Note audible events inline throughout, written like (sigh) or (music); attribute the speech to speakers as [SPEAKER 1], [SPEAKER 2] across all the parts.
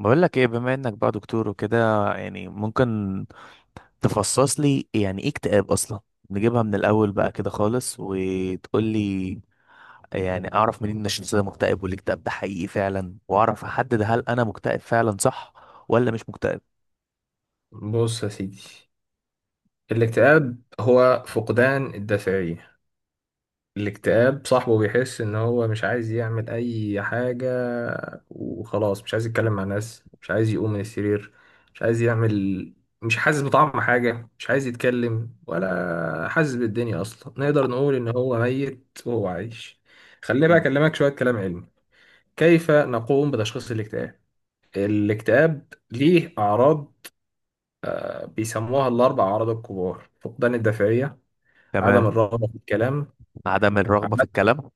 [SPEAKER 1] بقول لك ايه، بما انك بقى دكتور وكده يعني ممكن تفصص لي يعني ايه اكتئاب اصلا؟ نجيبها من الاول بقى كده خالص، وتقول لي يعني اعرف منين ان الشخص ده مكتئب والاكتئاب ده حقيقي فعلا، واعرف احدد هل انا مكتئب فعلا، صح ولا مش مكتئب؟
[SPEAKER 2] بص يا سيدي، الاكتئاب هو فقدان الدافعية. الاكتئاب صاحبه بيحس ان هو مش عايز يعمل اي حاجة، وخلاص مش عايز يتكلم مع ناس، مش عايز يقوم من السرير، مش عايز يعمل، مش حاسس بطعم حاجة، مش عايز يتكلم ولا حاسس بالدنيا اصلا. نقدر نقول ان هو ميت وهو عايش. خليني بقى
[SPEAKER 1] مم.
[SPEAKER 2] اكلمك شوية كلام علمي. كيف نقوم بتشخيص الاكتئاب؟ الاكتئاب ليه اعراض، بيسموها الاربع اعراض الكبار: فقدان الدافعية، عدم
[SPEAKER 1] تمام.
[SPEAKER 2] الرغبة في الكلام.
[SPEAKER 1] عدم الرغبة في
[SPEAKER 2] عد...
[SPEAKER 1] الكلام.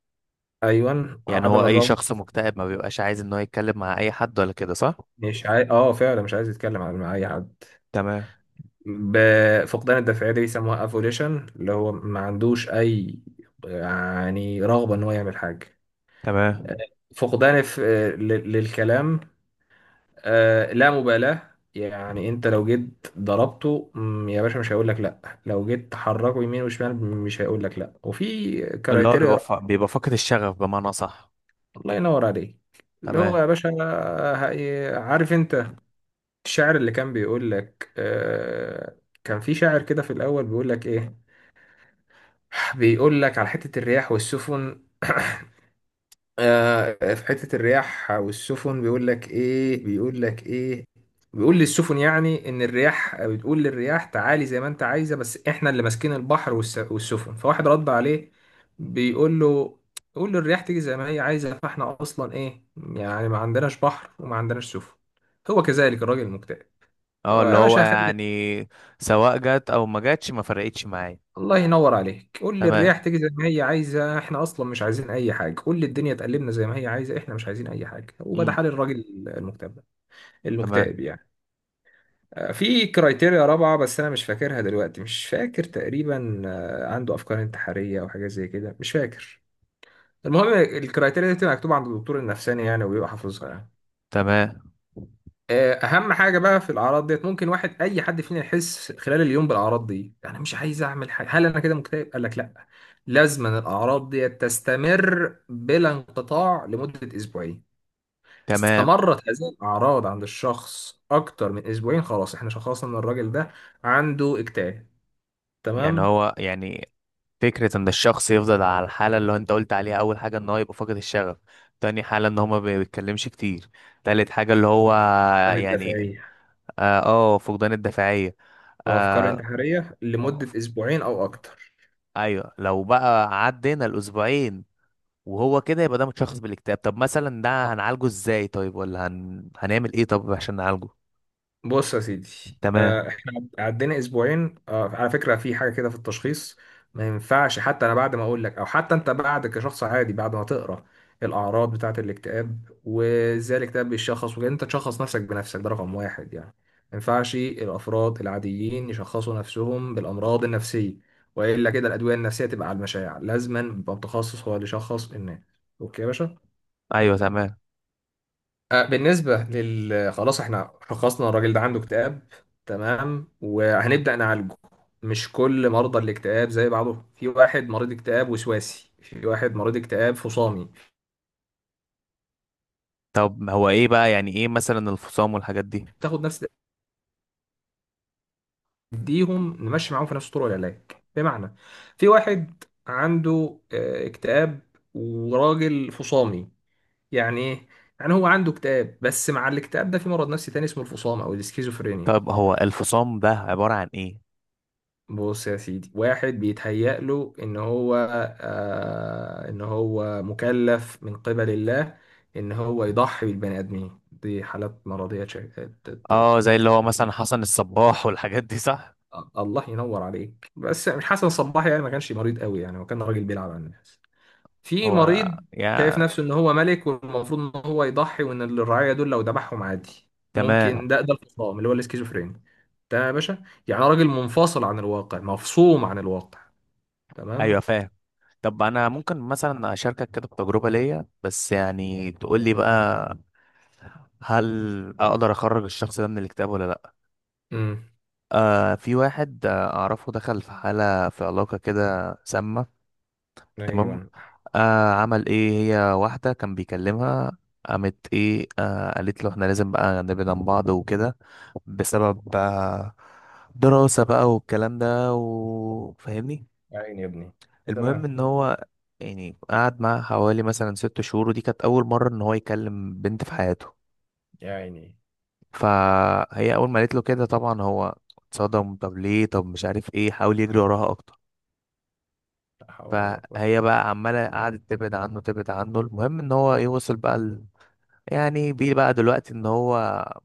[SPEAKER 2] أيوة،
[SPEAKER 1] يعني
[SPEAKER 2] عدم
[SPEAKER 1] هو اي
[SPEAKER 2] الرغبة.
[SPEAKER 1] شخص مكتئب ما بيبقاش عايز ان هو يتكلم مع اي حد، ولا كده صح؟
[SPEAKER 2] مش عايز، فعلا مش عايز يتكلم مع أي حد.
[SPEAKER 1] تمام.
[SPEAKER 2] فقدان الدافعية دي بيسموها افوليشن، اللي هو ما عندوش أي يعني رغبة إن هو يعمل حاجة.
[SPEAKER 1] تمام.
[SPEAKER 2] فقدان للكلام. لا مبالاة. يعني انت لو جيت ضربته، يا باشا، مش هيقول لك لا. لو جيت تحركه يمين وشمال مش هيقول لك لا. وفي
[SPEAKER 1] اللي هو
[SPEAKER 2] كرايتيريا.
[SPEAKER 1] بيبقى فا- بيبقى فاقد الشغف بمعنى، صح؟
[SPEAKER 2] الله ينور عليك. اللي هو
[SPEAKER 1] تمام.
[SPEAKER 2] يا باشا، عارف انت الشعر اللي كان بيقول لك. كان في شاعر كده في الأول، بيقول لك إيه؟ بيقول لك على حتة الرياح والسفن. (coughs) في حتة الرياح والسفن، بيقول لك إيه؟ بيقول للسفن، يعني إن الرياح بتقول للرياح تعالي زي ما أنت عايزة، بس إحنا اللي ماسكين البحر والسفن. فواحد رد عليه، بيقول له: قول للرياح تيجي زي ما هي عايزة، فإحنا أصلا إيه يعني؟ ما عندناش بحر وما عندناش سفن. هو كذلك الراجل المكتئب.
[SPEAKER 1] اه، اللي
[SPEAKER 2] يا
[SPEAKER 1] هو
[SPEAKER 2] باشا هخلي.
[SPEAKER 1] يعني سواء جت او ما جاتش ما فرقتش معايا.
[SPEAKER 2] الله ينور عليك. قول لي
[SPEAKER 1] تمام.
[SPEAKER 2] الرياح تيجي زي ما هي عايزه، احنا اصلا مش عايزين اي حاجه. قول لي الدنيا تقلبنا زي ما هي عايزه، احنا مش عايزين اي حاجه. وده
[SPEAKER 1] امم.
[SPEAKER 2] حال الراجل المكتئب ده- المكتئب
[SPEAKER 1] تمام.
[SPEAKER 2] يعني. في كرايتيريا رابعه بس انا مش فاكرها دلوقتي، مش فاكر تقريبا. عنده افكار انتحاريه او حاجه زي كده، مش فاكر. المهم الكرايتيريا دي بتبقى مكتوبه عند الدكتور النفساني يعني، وبيبقى حافظها يعني.
[SPEAKER 1] تمام.
[SPEAKER 2] اهم حاجه بقى في الاعراض ديت، ممكن اي حد فينا يحس خلال اليوم بالاعراض دي: انا مش عايز اعمل حاجه، هل انا كده مكتئب؟ قال لك لا. لازم أن الاعراض ديت تستمر بلا انقطاع لمده اسبوعين.
[SPEAKER 1] تمام.
[SPEAKER 2] استمرت هذه الاعراض عند الشخص اكتر من اسبوعين، خلاص احنا شخصنا ان الراجل ده عنده اكتئاب.
[SPEAKER 1] يعني
[SPEAKER 2] تمام.
[SPEAKER 1] هو يعني فكرة ان الشخص يفضل على الحالة اللي هو انت قلت عليها: اول حاجة ان هو يبقى فاقد الشغف، تاني حالة ان هو ما بيتكلمش كتير، تالت حاجة اللي هو
[SPEAKER 2] من
[SPEAKER 1] يعني
[SPEAKER 2] الدافعيه
[SPEAKER 1] اه، فقدان الدافعية.
[SPEAKER 2] او افكار
[SPEAKER 1] آه.
[SPEAKER 2] انتحاريه لمده اسبوعين او اكتر.
[SPEAKER 1] ايوه، لو بقى عدينا الاسبوعين وهو كده يبقى ده متشخص بالاكتئاب. طب مثلا ده هنعالجه ازاي؟ طيب، ولا هنعمل ايه طب عشان نعالجه؟
[SPEAKER 2] بص يا سيدي،
[SPEAKER 1] تمام.
[SPEAKER 2] احنا عدينا اسبوعين. على فكره في حاجه كده في التشخيص: ما ينفعش حتى انا بعد ما اقول لك، او حتى انت بعد كشخص عادي بعد ما تقرا الاعراض بتاعه الاكتئاب وازاي الاكتئاب بيتشخص وكده، انت تشخص نفسك بنفسك. ده رقم واحد يعني. ما ينفعش الافراد العاديين يشخصوا نفسهم بالامراض النفسيه، والا كده الادويه النفسيه تبقى على المشاع. لازما يبقى متخصص هو اللي يشخص الناس. اوكي يا باشا.
[SPEAKER 1] ايوه، تمام.
[SPEAKER 2] بالنسبة لل خلاص احنا شخصنا الراجل ده عنده اكتئاب تمام، وهنبدأ نعالجه. مش كل مرضى الاكتئاب زي بعضهم. في واحد مريض اكتئاب وسواسي، في واحد مريض اكتئاب فصامي.
[SPEAKER 1] طب هو ايه بقى، يعني ايه مثلا الفصام والحاجات دي؟
[SPEAKER 2] تاخد نفس تديهم نمشي معاهم في نفس طرق العلاج. بمعنى، في واحد عنده اكتئاب وراجل فصامي. يعني ايه؟ يعني هو عنده اكتئاب، بس مع الاكتئاب ده في مرض نفسي تاني اسمه الفصام او الاسكيزوفرينيا.
[SPEAKER 1] طب هو الفصام ده عبارة عن ايه؟
[SPEAKER 2] بص يا سيدي، واحد بيتهيأ له ان هو ان هو مكلف من قبل الله ان هو يضحي بالبني ادمين. دي حالات مرضية.
[SPEAKER 1] اه،
[SPEAKER 2] ت-
[SPEAKER 1] زي اللي هو مثلا
[SPEAKER 2] ت-
[SPEAKER 1] حسن الصباح والحاجات دي، صح؟
[SPEAKER 2] الله ينور عليك، بس مش حسن صباحي يعني، ما كانش مريض قوي يعني، هو كان راجل بيلعب على الناس. في
[SPEAKER 1] هو
[SPEAKER 2] مريض
[SPEAKER 1] يا...
[SPEAKER 2] شايف نفسه ان هو ملك، والمفروض ان هو يضحي، وان الرعاية دول لو ذبحهم عادي.
[SPEAKER 1] تمام.
[SPEAKER 2] ممكن. ده الفصام، اللي هو الاسكيزوفرينيا ده يا باشا. يعني راجل منفصل عن الواقع، مفصوم عن الواقع. تمام.
[SPEAKER 1] ايوه، فاهم. طب انا ممكن مثلا اشاركك كده بتجربة ليا، بس يعني تقول لي بقى، هل اقدر اخرج الشخص ده من الاكتئاب ولا لا؟
[SPEAKER 2] امم.
[SPEAKER 1] في واحد اعرفه دخل في حالة، في علاقة كده سامة. تمام.
[SPEAKER 2] ايوه.
[SPEAKER 1] عمل ايه، هي واحدة كان بيكلمها. قامت ايه، قالت له احنا لازم بقى نبعد عن بعض وكده، بسبب دراسة بقى والكلام ده، وفاهمني.
[SPEAKER 2] يا عيني يا ابني.
[SPEAKER 1] المهم
[SPEAKER 2] تمام.
[SPEAKER 1] ان هو يعني قعد معاها حوالي مثلا 6 شهور، ودي كانت اول مرة ان هو يكلم بنت في حياته.
[SPEAKER 2] يا عيني.
[SPEAKER 1] فهي اول ما قالت له كده طبعا هو اتصدم: طب ليه؟ طب مش عارف ايه. حاول يجري وراها اكتر،
[SPEAKER 2] لا حول ولا قوة.
[SPEAKER 1] فهي بقى عمالة قعدت تبعد عنه تبعد عنه. المهم ان هو ايه، وصل بقى يعني بيه بقى دلوقتي ان هو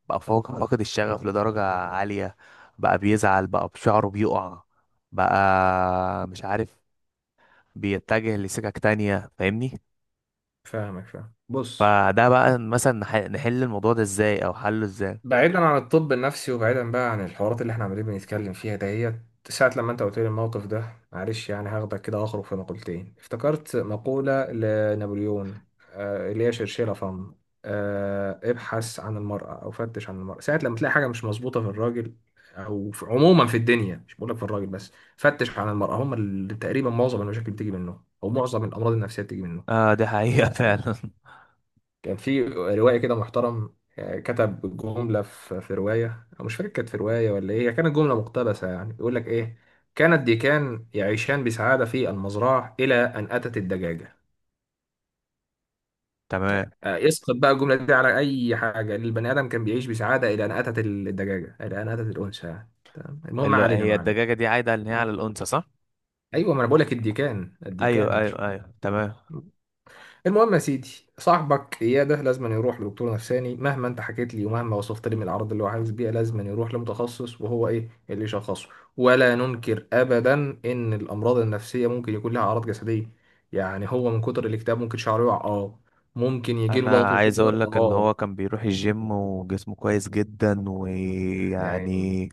[SPEAKER 1] فاقد الشغف لدرجة عالية، بقى بيزعل، بقى بشعره بيقع، بقى مش عارف، بيتجه لسكك تانية، فاهمني؟
[SPEAKER 2] فاهمك فاهم. بص،
[SPEAKER 1] فده بقى مثلا نحل الموضوع ده ازاي، او حله ازاي؟
[SPEAKER 2] بعيدا عن الطب النفسي وبعيدا بقى عن الحوارات اللي احنا عمالين بنتكلم فيها دهيت ساعة، لما انت قلت لي الموقف ده، معلش يعني هاخدك كده اخرج في مقولتين. افتكرت مقولة لنابليون، اللي هي شرشيلة فم. ابحث عن المرأة او فتش عن المرأة. ساعة لما تلاقي حاجة مش مظبوطة في الراجل، او في عموما في الدنيا، مش بقولك في الراجل بس، فتش عن المرأة. هم اللي تقريبا معظم المشاكل بتيجي منهم، او معظم الامراض النفسية بتيجي منهم.
[SPEAKER 1] اه، دي حقيقة (laughs) فعلا.
[SPEAKER 2] كان في روائي كده محترم، كتب جملة في رواية، أو مش فاكر كانت في رواية ولا إيه، هي كانت جملة مقتبسة يعني. يقول لك إيه؟ كان الديكان يعيشان بسعادة في المزرعة إلى أن أتت الدجاجة.
[SPEAKER 1] تمام.
[SPEAKER 2] اسقط بقى الجملة دي على أي حاجة. البني آدم كان بيعيش بسعادة إلى أن أتت الدجاجة، إلى أن أتت الأنثى يعني. تمام. المهم ما
[SPEAKER 1] اللي
[SPEAKER 2] علينا
[SPEAKER 1] هي
[SPEAKER 2] معلم.
[SPEAKER 1] الدجاجة دي عايدة ان هي على الأنثى، صح؟
[SPEAKER 2] أيوه ما أنا بقول لك الديكان الديكان
[SPEAKER 1] ايوه،
[SPEAKER 2] ما أنت شفت.
[SPEAKER 1] ايوه، ايوه، تمام.
[SPEAKER 2] المهم يا سيدي، صاحبك اياد ده لازم يروح لدكتور نفساني. مهما انت حكيت لي ومهما وصفت لي من الاعراض اللي هو حاسس بيها، لازم يروح لمتخصص وهو ايه اللي يشخصه. ولا ننكر ابدا ان الامراض النفسيه ممكن يكون لها اعراض جسديه. يعني هو من كتر الاكتئاب ممكن شعره يقع، اه. ممكن يجي له
[SPEAKER 1] انا
[SPEAKER 2] ضغط
[SPEAKER 1] عايز
[SPEAKER 2] وسكر،
[SPEAKER 1] اقول لك ان
[SPEAKER 2] اه.
[SPEAKER 1] هو كان بيروح الجيم وجسمه كويس جدا،
[SPEAKER 2] يعني
[SPEAKER 1] ويعني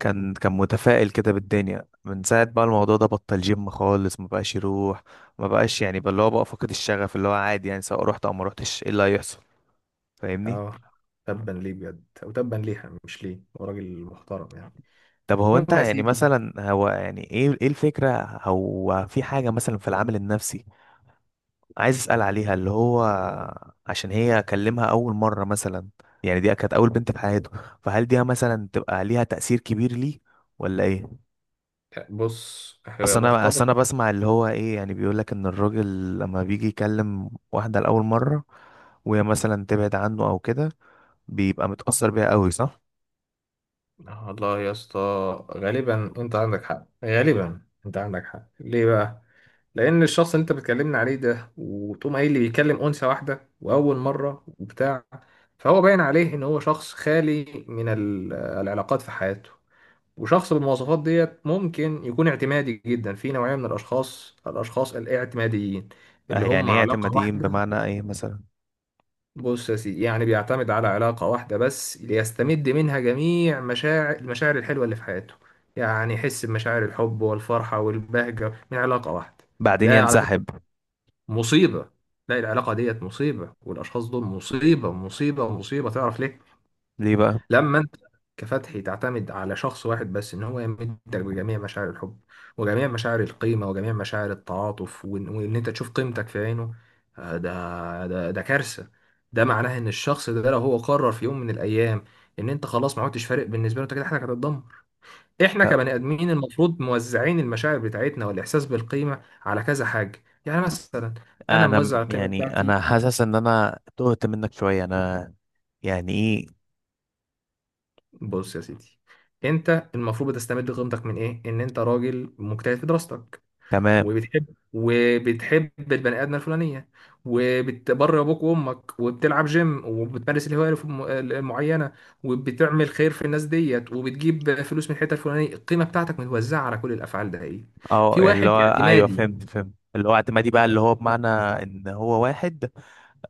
[SPEAKER 1] كان متفائل كده بالدنيا. من ساعة بقى الموضوع ده بطل جيم خالص، ما بقاش يروح، ما بقاش يعني بقى اللي هو بقى فقد الشغف. اللي هو عادي يعني، سواء رحت او ما رحتش ايه اللي هيحصل؟ فاهمني؟
[SPEAKER 2] اه. تبا ليه بجد او تبا ليها، مش ليه، هو راجل محترم يعني.
[SPEAKER 1] طب هو انت
[SPEAKER 2] المهم يا
[SPEAKER 1] يعني
[SPEAKER 2] سيدي،
[SPEAKER 1] مثلا، هو يعني ايه الفكرة؟ هو في حاجة مثلا في العامل النفسي عايز اسأل عليها، اللي هو عشان هي اكلمها اول مرة مثلا. يعني دي كانت اول بنت في حياته، فهل دي مثلا تبقى ليها تأثير كبير ليه، ولا ايه؟
[SPEAKER 2] بص هي
[SPEAKER 1] اصل انا
[SPEAKER 2] مرتبطه.
[SPEAKER 1] بسمع اللي هو ايه، يعني بيقول لك ان الراجل لما بيجي يكلم واحده لاول مره وهي مثلا تبعد عنه او كده، بيبقى متاثر بيها قوي، صح؟
[SPEAKER 2] والله يا اسطى، غالبا انت عندك حق. غالبا انت عندك حق. ليه بقى؟ لان الشخص اللي انت بتكلمني عليه ده، وتقوم قايل لي بيتكلم انثى واحده واول مره وبتاع، فهو باين عليه ان هو شخص خالي من العلاقات في حياته، وشخص بالمواصفات ديت ممكن يكون اعتمادي جدا. في نوعيه من الاشخاص الاعتماديين، اللي
[SPEAKER 1] يعني
[SPEAKER 2] هم
[SPEAKER 1] ايه
[SPEAKER 2] علاقه
[SPEAKER 1] اعتماديين
[SPEAKER 2] واحده.
[SPEAKER 1] بمعنى ايه مثلا؟
[SPEAKER 2] بص يا سيدي، يعني بيعتمد على علاقة واحدة بس ليستمد منها جميع المشاعر الحلوة اللي في حياته، يعني يحس بمشاعر الحب والفرحة والبهجة من علاقة واحدة.
[SPEAKER 1] بعدين
[SPEAKER 2] ده على فكرة
[SPEAKER 1] ينسحب.
[SPEAKER 2] مصيبة. لا، العلاقة ديت مصيبة، والأشخاص دول مصيبة مصيبة مصيبة. تعرف ليه؟
[SPEAKER 1] ليه بقى؟
[SPEAKER 2] لما انت كفتحي تعتمد على شخص واحد بس ان هو يمدك بجميع مشاعر الحب، وجميع مشاعر القيمة، وجميع مشاعر التعاطف، وإن انت تشوف قيمتك في عينه، ده كارثة. ده معناه ان الشخص ده لو هو قرر في يوم من الايام ان انت خلاص ما عدتش فارق بالنسبة له، انت كده حياتك هتتدمر. احنا كبني ادمين المفروض موزعين المشاعر بتاعتنا والاحساس بالقيمة على كذا حاجة. يعني مثلا انا
[SPEAKER 1] انا
[SPEAKER 2] موزع القيمة
[SPEAKER 1] يعني انا
[SPEAKER 2] بتاعتي.
[SPEAKER 1] حاسس ان انا تهت منك شويه. انا يعني ايه؟
[SPEAKER 2] بص يا سيدي، انت المفروض بتستمد قيمتك من ايه؟ ان انت راجل مجتهد في دراستك،
[SPEAKER 1] تمام.
[SPEAKER 2] وبتحب البني ادمه الفلانيه، وبتبر ابوك وامك، وبتلعب جيم، وبتمارس الهوايه المعينه، وبتعمل خير في الناس ديت، وبتجيب فلوس من الحته الفلانيه. القيمه بتاعتك متوزعه على كل الافعال ده ايه.
[SPEAKER 1] اه،
[SPEAKER 2] في
[SPEAKER 1] يعني اللي
[SPEAKER 2] واحد
[SPEAKER 1] هو ايوه
[SPEAKER 2] اعتمادي
[SPEAKER 1] فهمت فهمت، اللي هو اعتمادي بقى، اللي هو بمعنى ان هو واحد،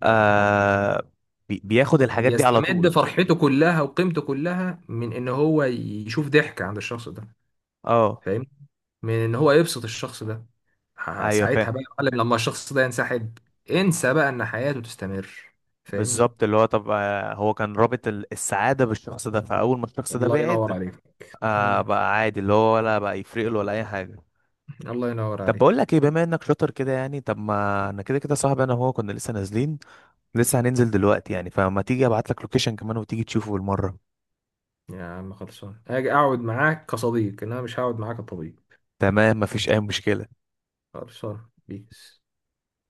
[SPEAKER 1] آه بياخد الحاجات دي على
[SPEAKER 2] بيستمد
[SPEAKER 1] طول.
[SPEAKER 2] فرحته كلها وقيمته كلها من ان هو يشوف ضحك عند الشخص ده،
[SPEAKER 1] اه،
[SPEAKER 2] فاهم، من ان هو يبسط الشخص ده.
[SPEAKER 1] ايوه
[SPEAKER 2] ساعتها
[SPEAKER 1] فاهم.
[SPEAKER 2] بقى يا معلم، لما الشخص ده ينسحب، انسى بقى ان حياته تستمر. فاهمني.
[SPEAKER 1] بالظبط، اللي هو طب هو كان رابط السعادة بالشخص ده، فأول ما الشخص ده
[SPEAKER 2] الله
[SPEAKER 1] بعد
[SPEAKER 2] ينور عليك. مم.
[SPEAKER 1] بقى عادي، اللي هو ولا بقى يفرق له، ولا أي حاجة.
[SPEAKER 2] الله ينور
[SPEAKER 1] طب
[SPEAKER 2] عليك.
[SPEAKER 1] بقول لك ايه، بما انك شاطر كده يعني، طب ما انا كده كده صاحبي انا وهو كنا لسه نازلين، لسه هننزل دلوقتي يعني، فما تيجي ابعت لك لوكيشن كمان وتيجي تشوفه بالمرة؟
[SPEAKER 2] يا عم خلصان، اجي اقعد معاك كصديق، انما مش هقعد معاك كطبيب.
[SPEAKER 1] تمام، مفيش اي مشكلة.
[SPEAKER 2] خلصان بيس.